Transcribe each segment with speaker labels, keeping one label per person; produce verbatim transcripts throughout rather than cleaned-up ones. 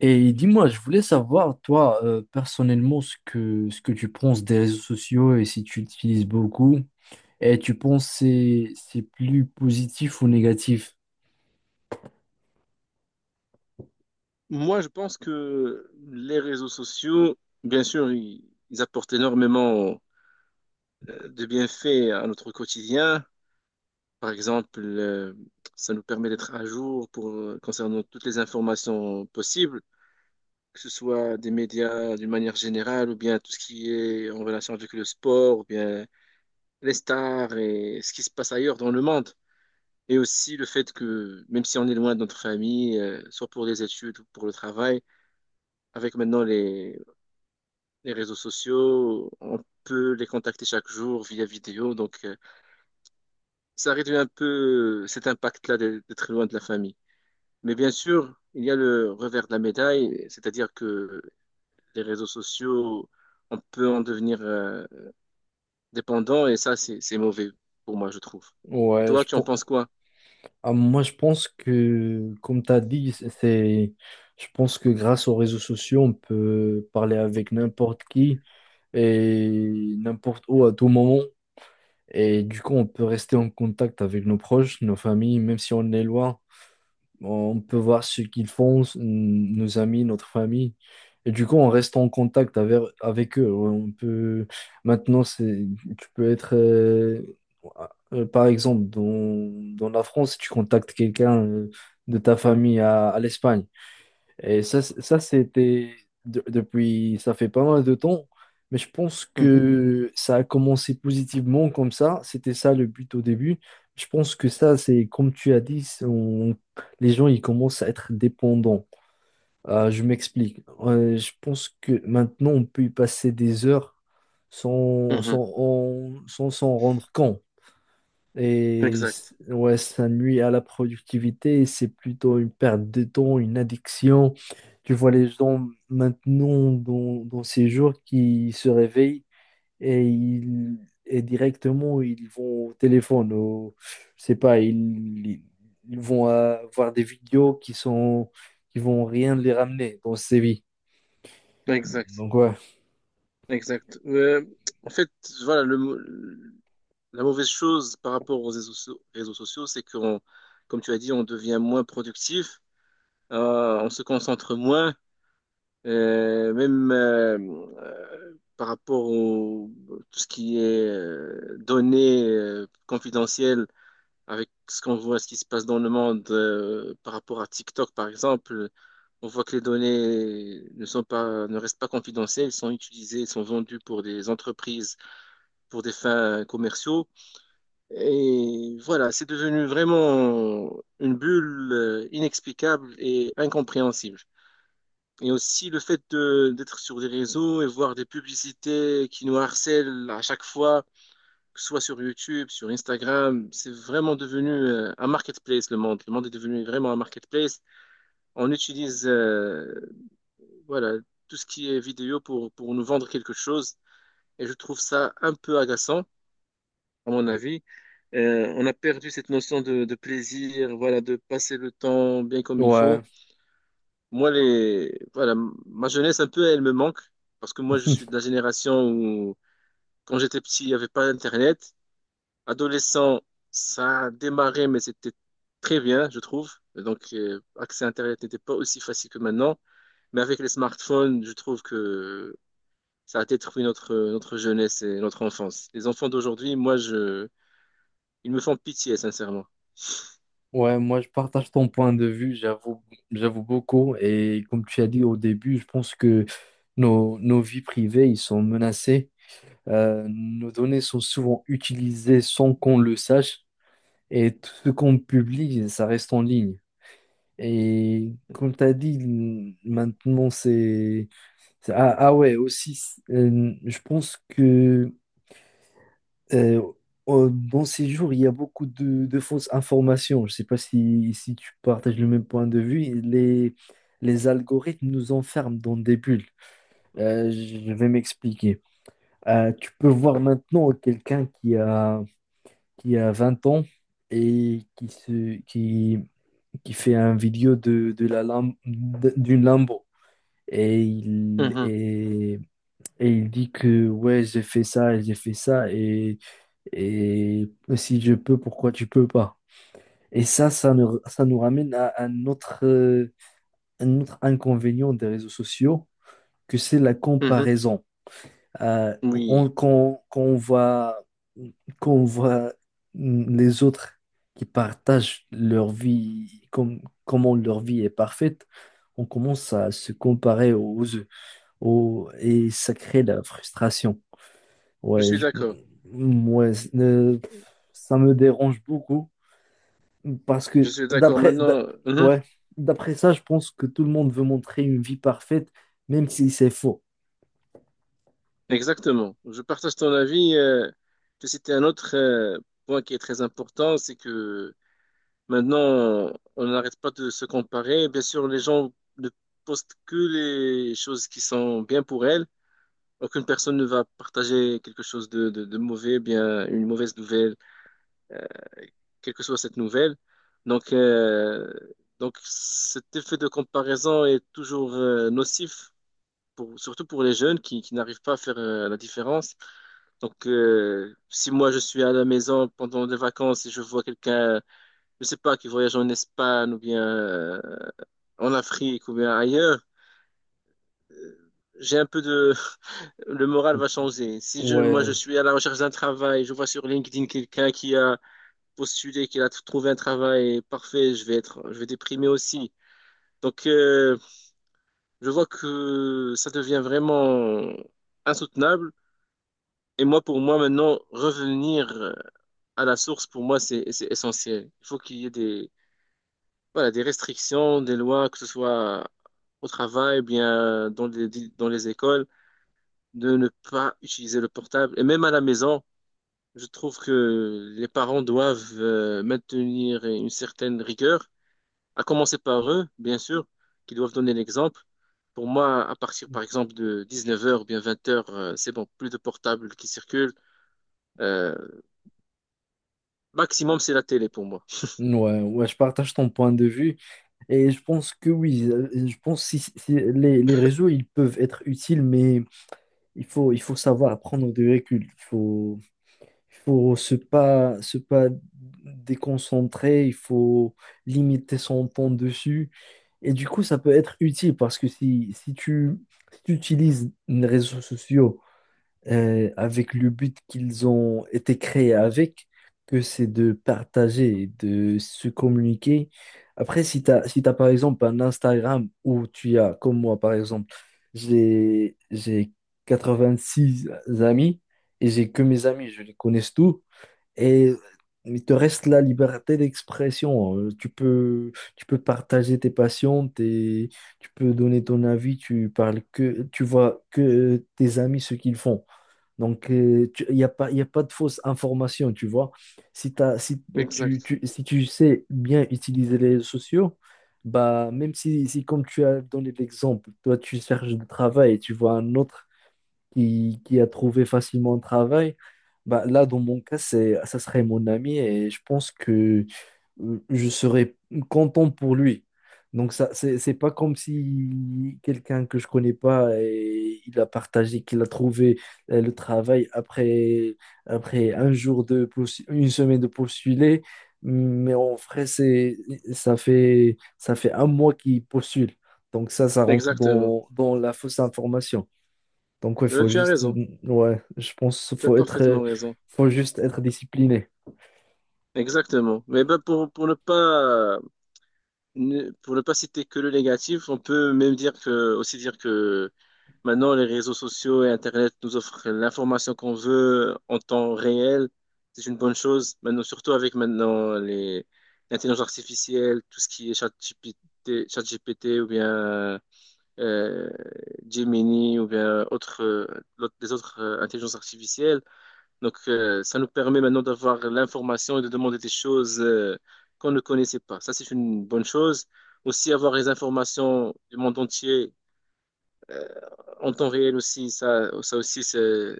Speaker 1: Et dis-moi, je voulais savoir, toi, euh, personnellement, ce que, ce que tu penses des réseaux sociaux et si tu utilises beaucoup. Et tu penses que c'est c'est plus positif ou négatif?
Speaker 2: Moi, je pense que les réseaux sociaux, bien sûr, ils, ils apportent énormément euh, de bienfaits à notre quotidien. Par exemple, euh, ça nous permet d'être à jour pour, euh, concernant toutes les informations possibles, que ce soit des médias d'une manière générale, ou bien tout ce qui est en relation avec le sport, ou bien les stars et ce qui se passe ailleurs dans le monde. Et aussi le fait que, même si on est loin de notre famille, euh, soit pour les études ou pour le travail, avec maintenant les les réseaux sociaux, on peut les contacter chaque jour via vidéo, donc euh, ça réduit un peu cet impact-là d'être d'être loin de la famille. Mais bien sûr, il y a le revers de la médaille, c'est-à-dire que les réseaux sociaux, on peut en devenir euh, dépendant, et ça, c'est c'est mauvais pour moi, je trouve. Et
Speaker 1: Ouais,
Speaker 2: toi,
Speaker 1: je
Speaker 2: tu en
Speaker 1: pen-
Speaker 2: penses quoi?
Speaker 1: ah, Moi je pense que, comme tu as dit, c'est, c'est- je pense que grâce aux réseaux sociaux, on peut parler avec n'importe qui et n'importe où à tout moment. Et du coup, on peut rester en contact avec nos proches, nos familles, même si on est loin. On peut voir ce qu'ils font, s- nos amis, notre famille. Et du coup, on reste en contact avec, avec eux. Ouais, on peut... Maintenant, c'est... tu peux être, euh, euh, par exemple, dans, dans la France, si tu contactes quelqu'un euh, de ta famille à, à l'Espagne. Et ça, c- ça c'était de- depuis, ça fait pas mal de temps, mais je pense
Speaker 2: Mhm.
Speaker 1: que ça a commencé positivement comme ça. C'était ça le but au début. Je pense que ça, c'est comme tu as dit, c'est- on- les gens, ils commencent à être dépendants. Euh, je m'explique. Euh, je pense que maintenant, on peut y passer des heures sans,
Speaker 2: Mhm.
Speaker 1: sans, en- sans s'en rendre compte. Et c-
Speaker 2: Exact,
Speaker 1: ouais, ça nuit à la productivité et c'est plutôt une perte de temps, une addiction. Tu vois les gens maintenant dans, dans ces jours qui se réveillent et, ils, et directement ils vont au téléphone, au, je sais pas, ils, ils vont euh, voir des vidéos qui sont qui vont rien les ramener dans ces vies.
Speaker 2: exact,
Speaker 1: Donc ouais,
Speaker 2: exact. Euh, en fait, voilà, le, mot- la mauvaise chose par rapport aux réseaux, so- réseaux sociaux, c'est qu'on, comme tu as dit, on devient moins productif, euh, on se concentre moins, euh, même euh, euh, par rapport au tout ce qui est euh, données euh, confidentielles, avec ce qu'on voit, ce qui se passe dans le monde, euh, par rapport à TikTok, par exemple, on voit que les données ne sont pas, ne restent pas confidentielles, elles sont utilisées, elles sont vendues pour des entreprises, pour des fins commerciaux. Et voilà, c'est devenu vraiment une bulle euh, inexplicable et incompréhensible. Et aussi le fait de- d'être sur des réseaux et voir des publicités qui nous harcèlent à chaque fois, que ce soit sur YouTube, sur Instagram, c'est vraiment devenu euh, un marketplace, le monde. Le monde est devenu vraiment un marketplace. On utilise euh, voilà, tout ce qui est vidéo pour, pour nous vendre quelque chose. Et je trouve ça un peu agaçant, à mon avis. Euh, on a perdu cette notion de, de plaisir, voilà, de passer le temps bien comme il
Speaker 1: ouais.
Speaker 2: faut. Moi, les, voilà, ma jeunesse, un peu, elle me manque parce que moi, je suis de la génération où, quand j'étais petit, il n'y avait pas Internet. Adolescent, ça a démarré, mais c'était très bien, je trouve. Et donc, euh, accès à Internet n'était pas aussi facile que maintenant. Mais avec les smartphones, je trouve que ça a détruit notre, notre jeunesse et notre enfance. Les enfants d'aujourd'hui, moi, je, ils me font pitié, sincèrement.
Speaker 1: Ouais, moi je partage ton point de vue, j'avoue, j'avoue beaucoup. Et comme tu as dit au début, je pense que nos, nos vies privées, ils sont menacés. Euh, nos données sont souvent utilisées sans qu'on le sache. Et tout ce qu'on publie, ça reste en ligne. Et comme tu as dit, maintenant c'est... c'est- Ah, ah ouais, aussi, euh, je pense que... Euh, euh, dans ces jours, il y a beaucoup de, de fausses informations. Je ne sais pas si, si tu partages le même point de vue. Les, les algorithmes nous enferment dans des bulles. Euh, je vais m'expliquer. Euh, tu peux voir maintenant quelqu'un qui a, qui a vingt ans et qui, se, qui, qui fait un vidéo de, de la Lam- d'une Lambo. Et il,
Speaker 2: Mhm.
Speaker 1: et, et il dit que ouais, j'ai fait ça, et j'ai fait ça. Et et si je peux, pourquoi tu peux pas? Et ça, ça nous, ça nous ramène à un autre, euh, un autre inconvénient des réseaux sociaux, que c'est la
Speaker 2: Mhm.
Speaker 1: comparaison. Euh, on-
Speaker 2: Oui,
Speaker 1: quand, quand on voit, quand on voit les autres qui partagent leur vie, comme, comment leur vie est parfaite, on commence à se comparer aux, aux, et ça crée de la frustration.
Speaker 2: je
Speaker 1: Ouais,
Speaker 2: suis
Speaker 1: je-
Speaker 2: d'accord.
Speaker 1: ouais, euh, ça me dérange beaucoup. Parce
Speaker 2: Je
Speaker 1: que
Speaker 2: suis d'accord
Speaker 1: d'après d'a-
Speaker 2: maintenant. Mhm.
Speaker 1: Ouais, d'après ça, je pense que tout le monde veut montrer une vie parfaite, même si c'est faux.
Speaker 2: Exactement. Je partage ton avis. euh, Je citais un autre euh, point qui est très important, c'est que maintenant, on n'arrête pas de se comparer. Bien sûr, les gens ne postent que les choses qui sont bien pour elles. Aucune personne ne va partager quelque chose de, de, de mauvais, bien une mauvaise nouvelle, euh, quelle que soit cette nouvelle. Donc, euh, donc cet effet de comparaison est toujours euh, nocif pour, surtout pour les jeunes qui, qui n'arrivent pas à faire euh, la différence. Donc, euh, si moi je suis à la maison pendant les vacances et je vois quelqu'un, je sais pas, qui voyage en Espagne ou bien euh, en Afrique ou bien ailleurs, j'ai un peu de, le moral va changer. Si je, moi je
Speaker 1: Ouais,
Speaker 2: suis à la recherche d'un travail, je vois sur LinkedIn quelqu'un qui a postulé, qui a trouvé un travail parfait, je vais être, je vais déprimer aussi. Donc, euh, je vois que ça devient vraiment insoutenable. Et moi, pour moi, maintenant, revenir euh, à la source, pour moi, c'est c'est essentiel. Il faut qu'il y ait des, voilà, des restrictions, des lois, que ce soit au travail, bien dans les, dans les écoles, de ne pas utiliser le portable. Et même à la maison, je trouve que les parents doivent euh, maintenir une certaine rigueur, à commencer par eux, bien sûr, qui doivent donner l'exemple. Pour moi, à partir, par exemple, de dix-neuf heures, bien vingt heures, euh, c'est bon, plus de portables qui circulent. Euh, Maximum, c'est la télé pour moi.
Speaker 1: ouais, ouais, je partage ton point de vue. Et je pense que oui, euh, je pense si, si les, les réseaux, ils peuvent être utiles, mais il faut, il faut savoir prendre du recul. Il faut, Il faut se pas, se pas déconcentrer, il faut limiter son temps dessus. Et du coup, ça peut être utile parce que si, si tu, si tu utilises les réseaux sociaux euh, avec le but qu'ils ont été créés avec, que c'est de partager, de se communiquer. Après, si tu as, si t'as, par exemple un Instagram où tu as, comme moi par exemple, j'ai, j'ai quatre-vingt-six amis et j'ai que mes amis, je les connais tous. Et il te reste la liberté d'expression. Euh, Tu peux, tu peux partager tes passions, tes- tu peux donner ton avis, tu parles que, tu vois que euh, tes amis ce qu'ils font. Donc, il n'y a pas, y a pas de fausse information, tu vois. Si t'as, si tu,
Speaker 2: Exact.
Speaker 1: tu- Si tu sais bien utiliser les réseaux sociaux, bah, même si, si comme tu as donné l'exemple, toi, tu cherches du travail et tu vois un autre qui, qui a trouvé facilement un travail, bah, là, dans mon cas, c'est, ça serait mon ami et je pense que euh, je serais content pour lui. Donc, ça, c'est, c'est pas comme si quelqu'un que je connais pas et il a partagé qu'il a trouvé euh, le travail après, après un jour de postu- une semaine de postuler. Mais en vrai, c'est, ça fait, ça fait un mois qu'il postule. Donc, ça, ça rentre
Speaker 2: Exactement.
Speaker 1: dans, dans la fausse information. Donc, ouais,
Speaker 2: Eh ben,
Speaker 1: faut
Speaker 2: tu as
Speaker 1: juste,
Speaker 2: raison.
Speaker 1: ouais, je pense qu'il
Speaker 2: Tu as
Speaker 1: faut être, euh,
Speaker 2: parfaitement raison.
Speaker 1: faut juste être discipliné.
Speaker 2: Exactement. Mais ben, pour, pour ne pas, ne- pour ne pas citer que le négatif, on peut même dire que, aussi dire que maintenant, les réseaux sociaux et Internet nous offrent l'information qu'on veut en temps réel. C'est une bonne chose. Maintenant, surtout avec maintenant les, l'intelligence artificielle, tout ce qui est ChatGPT, ChatGPT ou bien euh, Gemini ou bien autres, euh, l'autre- des autres euh, intelligences artificielles. Donc, euh, ça nous permet maintenant d'avoir l'information et de demander des choses euh, qu'on ne connaissait pas. Ça, c'est une bonne chose. Aussi, avoir les informations du monde entier euh, en temps réel aussi, ça, ça aussi, c'est-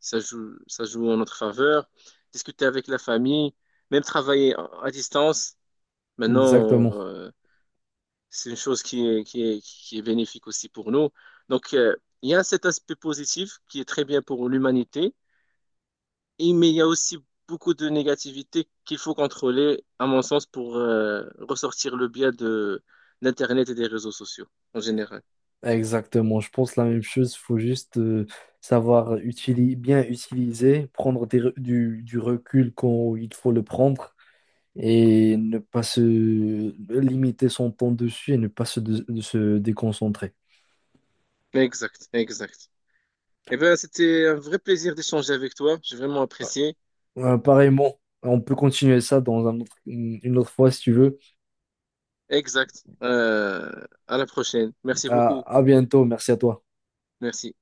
Speaker 2: ça joue, ça joue en notre faveur. Discuter avec la famille, même travailler à à distance. Maintenant,
Speaker 1: Exactement.
Speaker 2: euh, c'est une chose qui est, qui est, qui est bénéfique aussi pour nous. Donc, euh, il y a cet aspect positif qui est très bien pour l'humanité, et, mais il y a aussi beaucoup de négativité qu'il faut contrôler, à mon sens, pour euh, ressortir le biais de d'Internet et des réseaux sociaux en général.
Speaker 1: Exactement. Je pense la même chose. Faut juste euh, savoir utili- bien utiliser, prendre des re- du, du recul quand il faut le prendre et ne pas se limiter son temps dessus et ne pas se, dé- de se déconcentrer.
Speaker 2: Exact, exact. Eh bien, c'était un vrai plaisir d'échanger avec toi. J'ai vraiment apprécié.
Speaker 1: Euh, pareillement, on peut continuer ça dans un autre- une autre fois si tu veux.
Speaker 2: Exact. Euh, à la prochaine. Merci
Speaker 1: À
Speaker 2: beaucoup.
Speaker 1: à bientôt. Merci à toi.
Speaker 2: Merci.